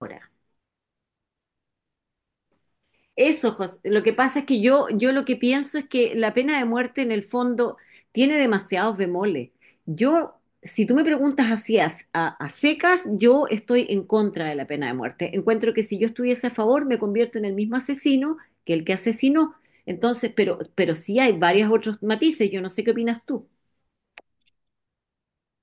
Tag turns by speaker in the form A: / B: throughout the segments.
A: Ahora. Eso, José. Lo que pasa es que yo lo que pienso es que la pena de muerte en el fondo tiene demasiados bemoles. Yo, si tú me preguntas así a secas, yo estoy en contra de la pena de muerte. Encuentro que si yo estuviese a favor, me convierto en el mismo asesino que el que asesinó. Entonces, pero sí hay varios otros matices. Yo no sé qué opinas tú.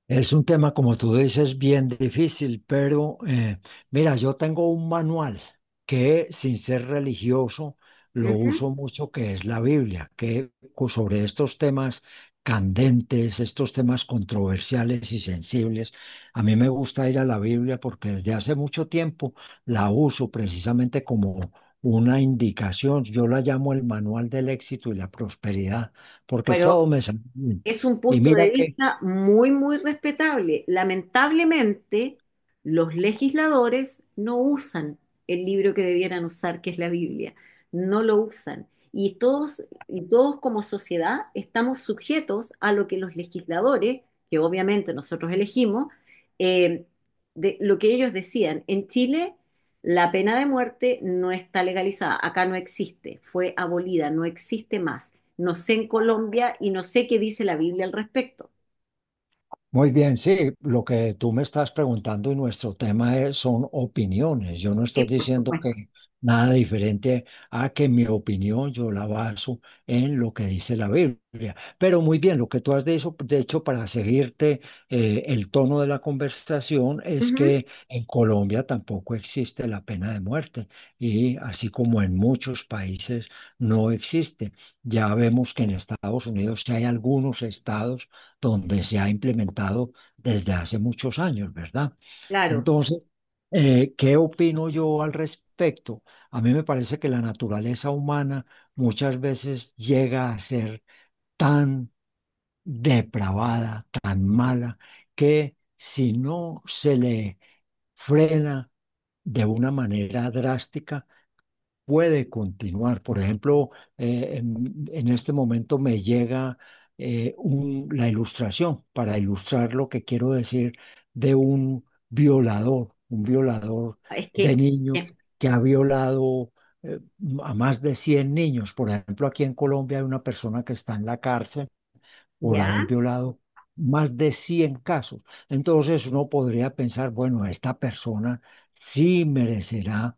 B: Es un tema, como tú dices, bien difícil, pero mira, yo tengo un manual que, sin ser religioso, lo
A: Ujú.
B: uso mucho, que es la Biblia, sobre estos temas candentes, estos temas controversiales y sensibles, a mí me gusta ir a la Biblia porque desde hace mucho tiempo la uso precisamente como una indicación. Yo la llamo el manual del éxito y la prosperidad, porque todo
A: Pero
B: sale bien.
A: es un
B: Y
A: punto
B: mira
A: de
B: que...
A: vista muy respetable. Lamentablemente, los legisladores no usan el libro que debieran usar, que es la Biblia. No lo usan. Y todos, y todos como sociedad estamos sujetos a lo que los legisladores, que obviamente nosotros elegimos, eh, de lo que ellos decían. En Chile, la pena de muerte no está legalizada, acá no existe, fue abolida, no existe más. No sé en Colombia y no sé qué dice la Biblia al respecto.
B: Muy bien, sí, lo que tú me estás preguntando y nuestro tema son opiniones. Yo no
A: Sí,
B: estoy
A: por
B: diciendo
A: supuesto.
B: que nada diferente a que mi opinión yo la baso en lo que dice la Biblia. Pero muy bien, lo que tú has dicho, de hecho, para seguirte el tono de la conversación es
A: Ujú.
B: que en Colombia tampoco existe la pena de muerte y así como en muchos países no existe. Ya vemos que en Estados Unidos sí hay algunos estados donde se ha implementado desde hace muchos años, ¿verdad?
A: Claro,
B: Entonces, ¿qué opino yo al respecto? A mí me parece que la naturaleza humana muchas veces llega a ser tan depravada, tan mala, que si no se le frena de una manera drástica, puede continuar. Por ejemplo, en este momento me llega la ilustración para ilustrar lo que quiero decir de un violador
A: es
B: de
A: que,
B: niños
A: eh,
B: que ha violado eh, a más de 100 niños. Por ejemplo, aquí en Colombia hay una persona que está en la cárcel por haber
A: ¿ya?
B: violado. Más de 100 casos. Entonces uno podría pensar, bueno, esta persona sí merecerá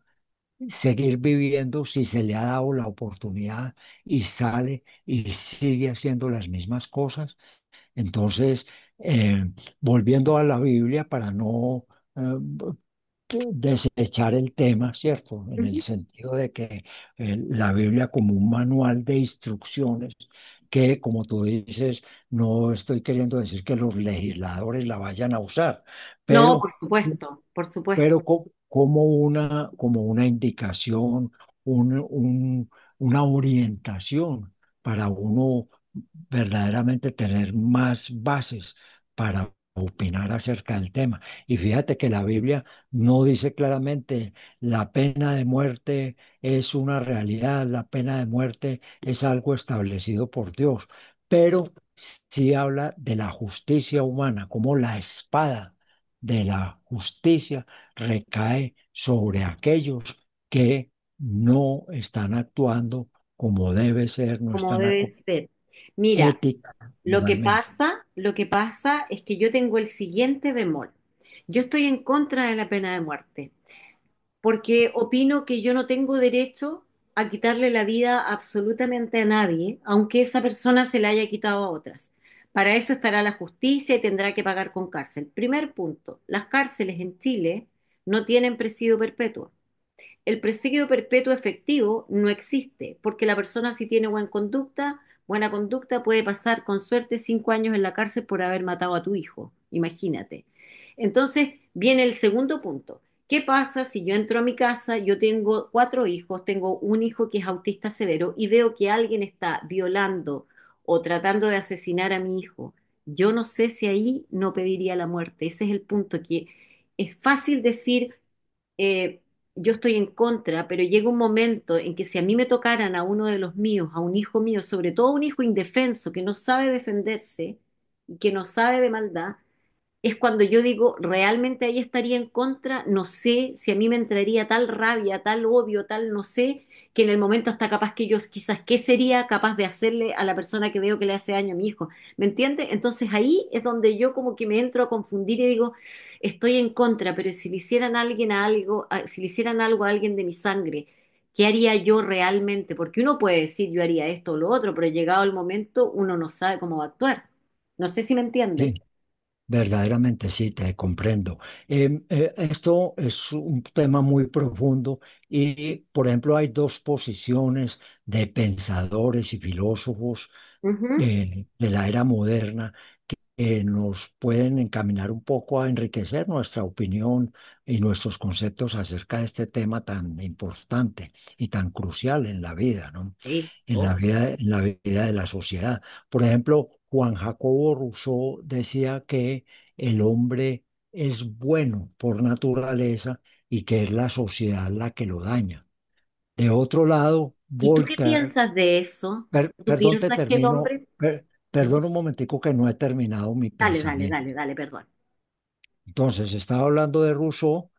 B: seguir viviendo si se le ha dado la oportunidad y sale y sigue haciendo las mismas cosas. Entonces, eh, volviendo a la Biblia para no eh, de- desechar el tema, ¿cierto? En el
A: Ujú.
B: sentido de que la Biblia como un manual de instrucciones. Que como tú dices, no estoy queriendo decir que los legisladores la vayan a usar,
A: No,
B: pero
A: por supuesto,
B: como una indicación, un- un- una orientación para uno verdaderamente tener más bases para opinar acerca del tema. Y fíjate que la Biblia no dice claramente la pena de muerte es una realidad, la pena de muerte es algo establecido por Dios, pero sí habla de la justicia humana, como la espada de la justicia recae sobre aquellos que no están actuando como debe ser, no
A: como
B: están
A: debe
B: acu-
A: ser. Mira,
B: Ética, realmente
A: lo que pasa es que yo tengo el siguiente bemol. Yo estoy en contra de la pena de muerte, porque opino que yo no tengo derecho a quitarle la vida absolutamente a nadie, aunque esa persona se la haya quitado a otras. Para eso estará la justicia y tendrá que pagar con cárcel. Primer punto, las cárceles en Chile no tienen presidio perpetuo. El presidio perpetuo efectivo no existe, porque la persona si tiene buena conducta puede pasar con suerte cinco años en la cárcel por haber matado a tu hijo, imagínate. Entonces viene el segundo punto. ¿Qué pasa si yo entro a mi casa, yo tengo cuatro hijos, tengo un hijo que es autista severo y veo que alguien está violando o tratando de asesinar a mi hijo? Yo no sé si ahí no pediría la muerte. Ese es el punto que es fácil decir, eh, yo estoy en contra, pero llega un momento en que si a mí me tocaran a uno de los míos, a un hijo mío, sobre todo un hijo indefenso que no sabe defenderse y que no sabe de maldad, es cuando yo digo, realmente ahí estaría en contra, no sé si a mí me entraría tal rabia, tal odio, tal no sé, que en el momento está capaz que yo quizás, ¿qué sería capaz de hacerle a la persona que veo que le hace daño a mi hijo? ¿Me entiende? Entonces ahí es donde yo como que me entro a confundir y digo, estoy en contra, pero si le hicieran a alguien a algo, si le hicieran algo a alguien de mi sangre, ¿qué haría yo realmente? Porque uno puede decir, yo haría esto o lo otro, pero llegado el momento uno no sabe cómo va a actuar. No sé si me entiende.
B: sí, verdaderamente sí, te comprendo. Esto es un tema muy profundo y, por ejemplo, hay dos posiciones de pensadores y filósofos de la era moderna que nos pueden encaminar un poco a enriquecer nuestra opinión y nuestros conceptos acerca de este tema tan importante y tan crucial en la vida, ¿no?
A: Sí,
B: En la
A: obvio.
B: vida, en la vida de la sociedad. Por ejemplo, Juan Jacobo Rousseau decía que el hombre es bueno por naturaleza y que es la sociedad la que lo daña. De otro lado,
A: ¿Y tú qué
B: Voltaire,
A: piensas de eso? ¿Tú
B: perdón, te
A: piensas que el
B: termino,
A: hombre...
B: perdón un momentico que no he terminado mi
A: Dale, dale,
B: pensamiento.
A: dale, dale, perdón.
B: Entonces, estaba hablando de Rousseau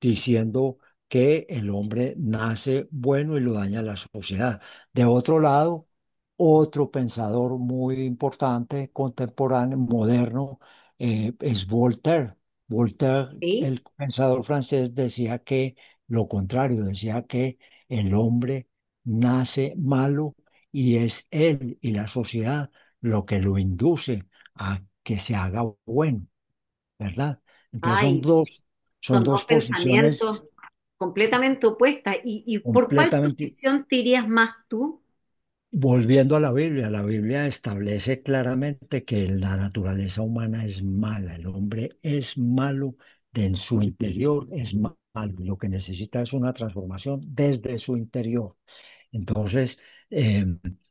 B: diciendo que el hombre nace bueno y lo daña la sociedad. De otro lado, otro pensador muy importante, contemporáneo, moderno, es Voltaire. Voltaire,
A: ¿Sí?
B: el pensador francés, decía que lo contrario, decía que el hombre nace malo y es él y la sociedad lo que lo induce a que se haga bueno. ¿Verdad? Entonces
A: Ay,
B: son
A: son dos
B: dos posiciones
A: pensamientos completamente opuestos. ¿Y por cuál
B: completamente,
A: posición te irías más tú?
B: volviendo a la Biblia establece claramente que la naturaleza humana es mala, el hombre es malo, de en su interior es malo, y lo que necesita es una transformación desde su interior. Entonces, eh,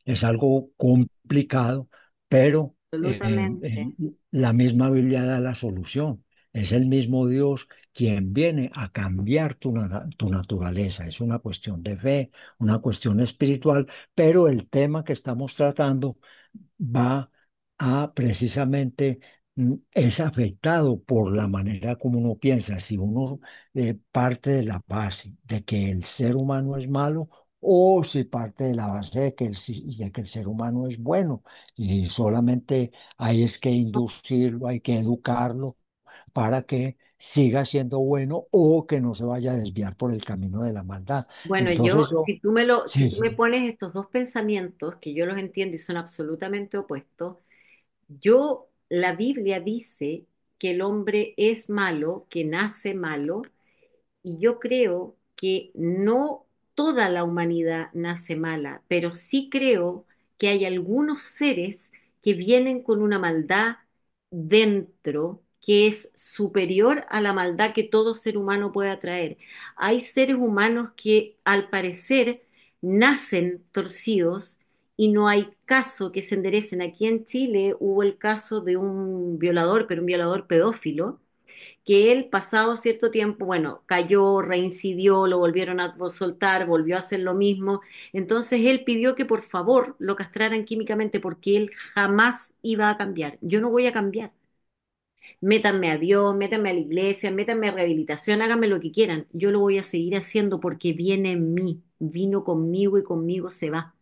B: es algo complicado, pero eh,
A: Absolutamente.
B: el- la misma Biblia da la solución. Es el mismo Dios quien viene a cambiar tu naturaleza. Es una cuestión de fe, una cuestión espiritual, pero el tema que estamos tratando va a precisamente es afectado por la manera como uno piensa, si uno parte de la base de que el ser humano es malo o si parte de la base de que el, si- de que el ser humano es bueno y solamente hay es que inducirlo, hay que educarlo para que siga siendo bueno o que no se vaya a desviar por el camino de la maldad.
A: Bueno, yo,
B: Entonces yo,
A: si tú me lo, si
B: sí,
A: tú
B: sí.
A: me pones estos dos pensamientos, que yo los entiendo y son absolutamente opuestos, yo, la Biblia dice que el hombre es malo, que nace malo, y yo creo que no toda la humanidad nace mala, pero sí creo que hay algunos seres que vienen con una maldad dentro que es superior a la maldad que todo ser humano puede atraer. Hay seres humanos que al parecer nacen torcidos y no hay caso que se enderecen. Aquí en Chile hubo el caso de un violador, pero un violador pedófilo que él pasado cierto tiempo, bueno, cayó, reincidió, lo volvieron a soltar, volvió a hacer lo mismo. Entonces él pidió que por favor lo castraran químicamente porque él jamás iba a cambiar. Yo no voy a cambiar. Métanme a Dios, métanme a la iglesia, métanme a rehabilitación, háganme lo que quieran. Yo lo voy a seguir haciendo porque viene en mí, vino conmigo y conmigo se va.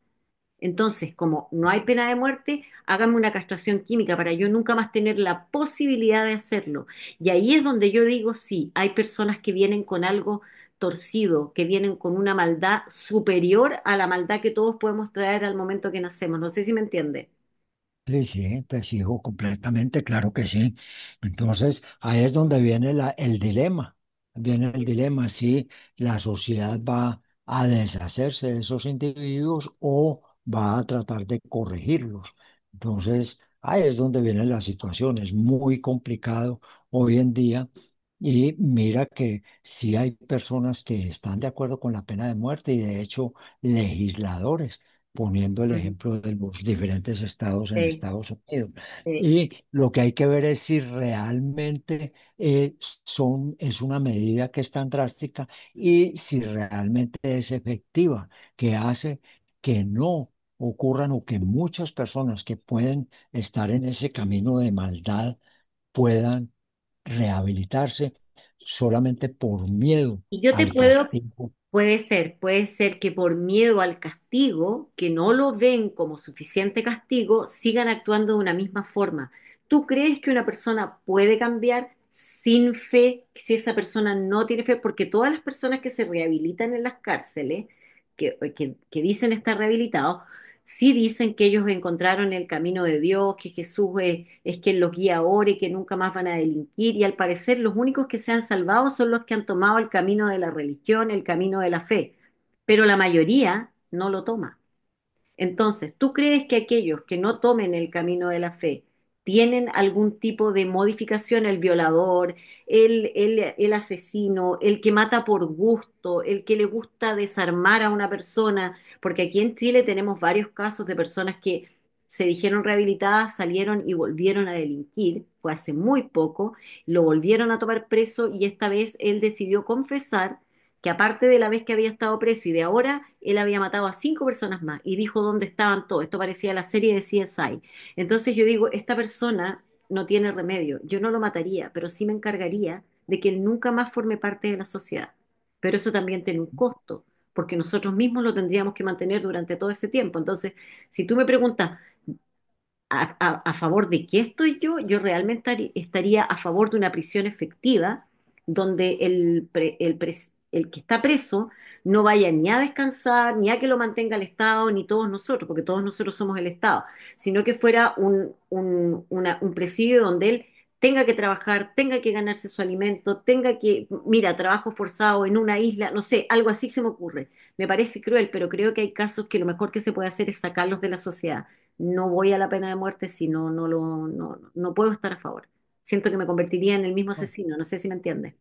A: Entonces, como no hay pena de muerte, hágame una castración química para yo nunca más tener la posibilidad de hacerlo. Y ahí es donde yo digo, sí, hay personas que vienen con algo torcido, que vienen con una maldad superior a la maldad que todos podemos traer al momento que nacemos. No sé si me entiende.
B: Sí, sí, te sigo completamente, claro que sí. Entonces, ahí es donde viene el dilema, viene el dilema si la sociedad va a deshacerse de esos individuos o va a tratar de corregirlos. Entonces, ahí es donde viene la situación, es muy complicado hoy en día y mira que sí hay personas que están de acuerdo con la pena de muerte y de hecho legisladores poniendo el
A: Mm,
B: ejemplo de los diferentes estados en
A: sí,
B: Estados Unidos.
A: sí.
B: Y lo que hay que ver es si realmente eh, es una medida que es tan drástica y si realmente es efectiva, que hace que no ocurran o que muchas personas que pueden estar en ese camino de maldad puedan rehabilitarse solamente por miedo
A: Y yo te
B: al
A: puedo.
B: castigo.
A: Puede ser que por miedo al castigo, que no lo ven como suficiente castigo, sigan actuando de una misma forma. ¿Tú crees que una persona puede cambiar sin fe si esa persona no tiene fe? Porque todas las personas que se rehabilitan en las cárceles, que dicen estar rehabilitados, sí dicen que ellos encontraron el camino de Dios, que Jesús es quien los guía ahora y que nunca más van a delinquir. Y al parecer los únicos que se han salvado son los que han tomado el camino de la religión, el camino de la fe. Pero la mayoría no lo toma. Entonces, ¿tú crees que aquellos que no tomen el camino de la fe tienen algún tipo de modificación? El violador, el asesino, el que mata por gusto, el que le gusta desarmar a una persona, porque aquí en Chile tenemos varios casos de personas que se dijeron rehabilitadas, salieron y volvieron a delinquir, fue hace muy poco, lo volvieron a tomar preso y esta vez él decidió confesar que aparte de la vez que había estado preso y de ahora, él había matado a cinco personas más y dijo dónde estaban todos. Esto parecía la serie de CSI. Entonces yo digo, esta persona no tiene remedio. Yo no lo mataría, pero sí me encargaría de que él nunca más forme parte de la sociedad. Pero eso también tiene un costo, porque nosotros mismos lo tendríamos que mantener durante todo ese tiempo. Entonces, si tú me preguntas, a favor de qué estoy yo, yo realmente estaría a favor de una prisión efectiva donde el que está preso no vaya ni a descansar, ni a que lo mantenga el Estado, ni todos nosotros, porque todos nosotros somos el Estado, sino que fuera un presidio donde él tenga que trabajar, tenga que ganarse su alimento, tenga que, mira, trabajo forzado en una isla, no sé, algo así se me ocurre. Me parece cruel, pero creo que hay casos que lo mejor que se puede hacer es sacarlos de la sociedad, no voy a la pena de muerte, si no, no lo, no, no puedo estar a favor. Siento que me convertiría en el mismo asesino, no sé si me entiendes.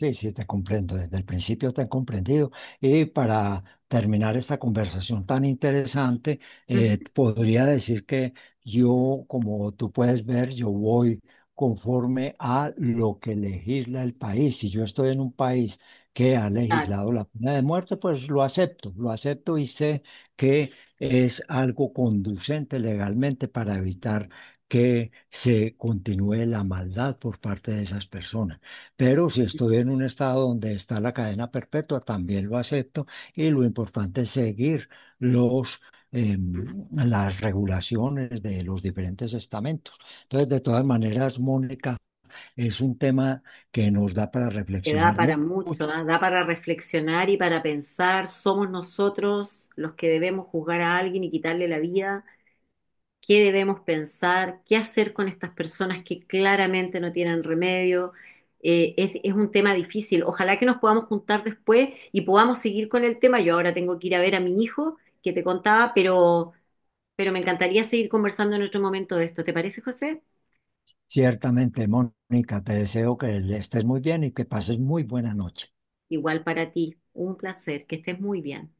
B: Sí, sí, te comprendo, desde el principio te he comprendido. Y para terminar esta conversación tan interesante,
A: Ujú.
B: podría decir que yo, como tú puedes ver, yo voy conforme a lo que legisla el país. Si yo estoy en un país que ha
A: Claro,
B: legislado la pena de muerte, pues lo acepto y sé que es algo conducente legalmente para evitar que se continúe la maldad por parte de esas personas. Pero si estoy en un estado donde está la cadena perpetua, también lo acepto y lo importante es seguir los, las regulaciones de los diferentes estamentos. Entonces, de todas maneras, Mónica, es un tema que nos da para
A: que da
B: reflexionar
A: para mucho,
B: mucho.
A: ¿ah? Da para reflexionar y para pensar, somos nosotros los que debemos juzgar a alguien y quitarle la vida, qué debemos pensar, qué hacer con estas personas que claramente no tienen remedio. Es un tema difícil. Ojalá que nos podamos juntar después y podamos seguir con el tema. Yo ahora tengo que ir a ver a mi hijo que te contaba, pero me encantaría seguir conversando en otro momento de esto. ¿Te parece, José?
B: Ciertamente, Mónica, te deseo que estés muy bien y que pases muy buena noche.
A: Igual para ti. Un placer. Que estés muy bien.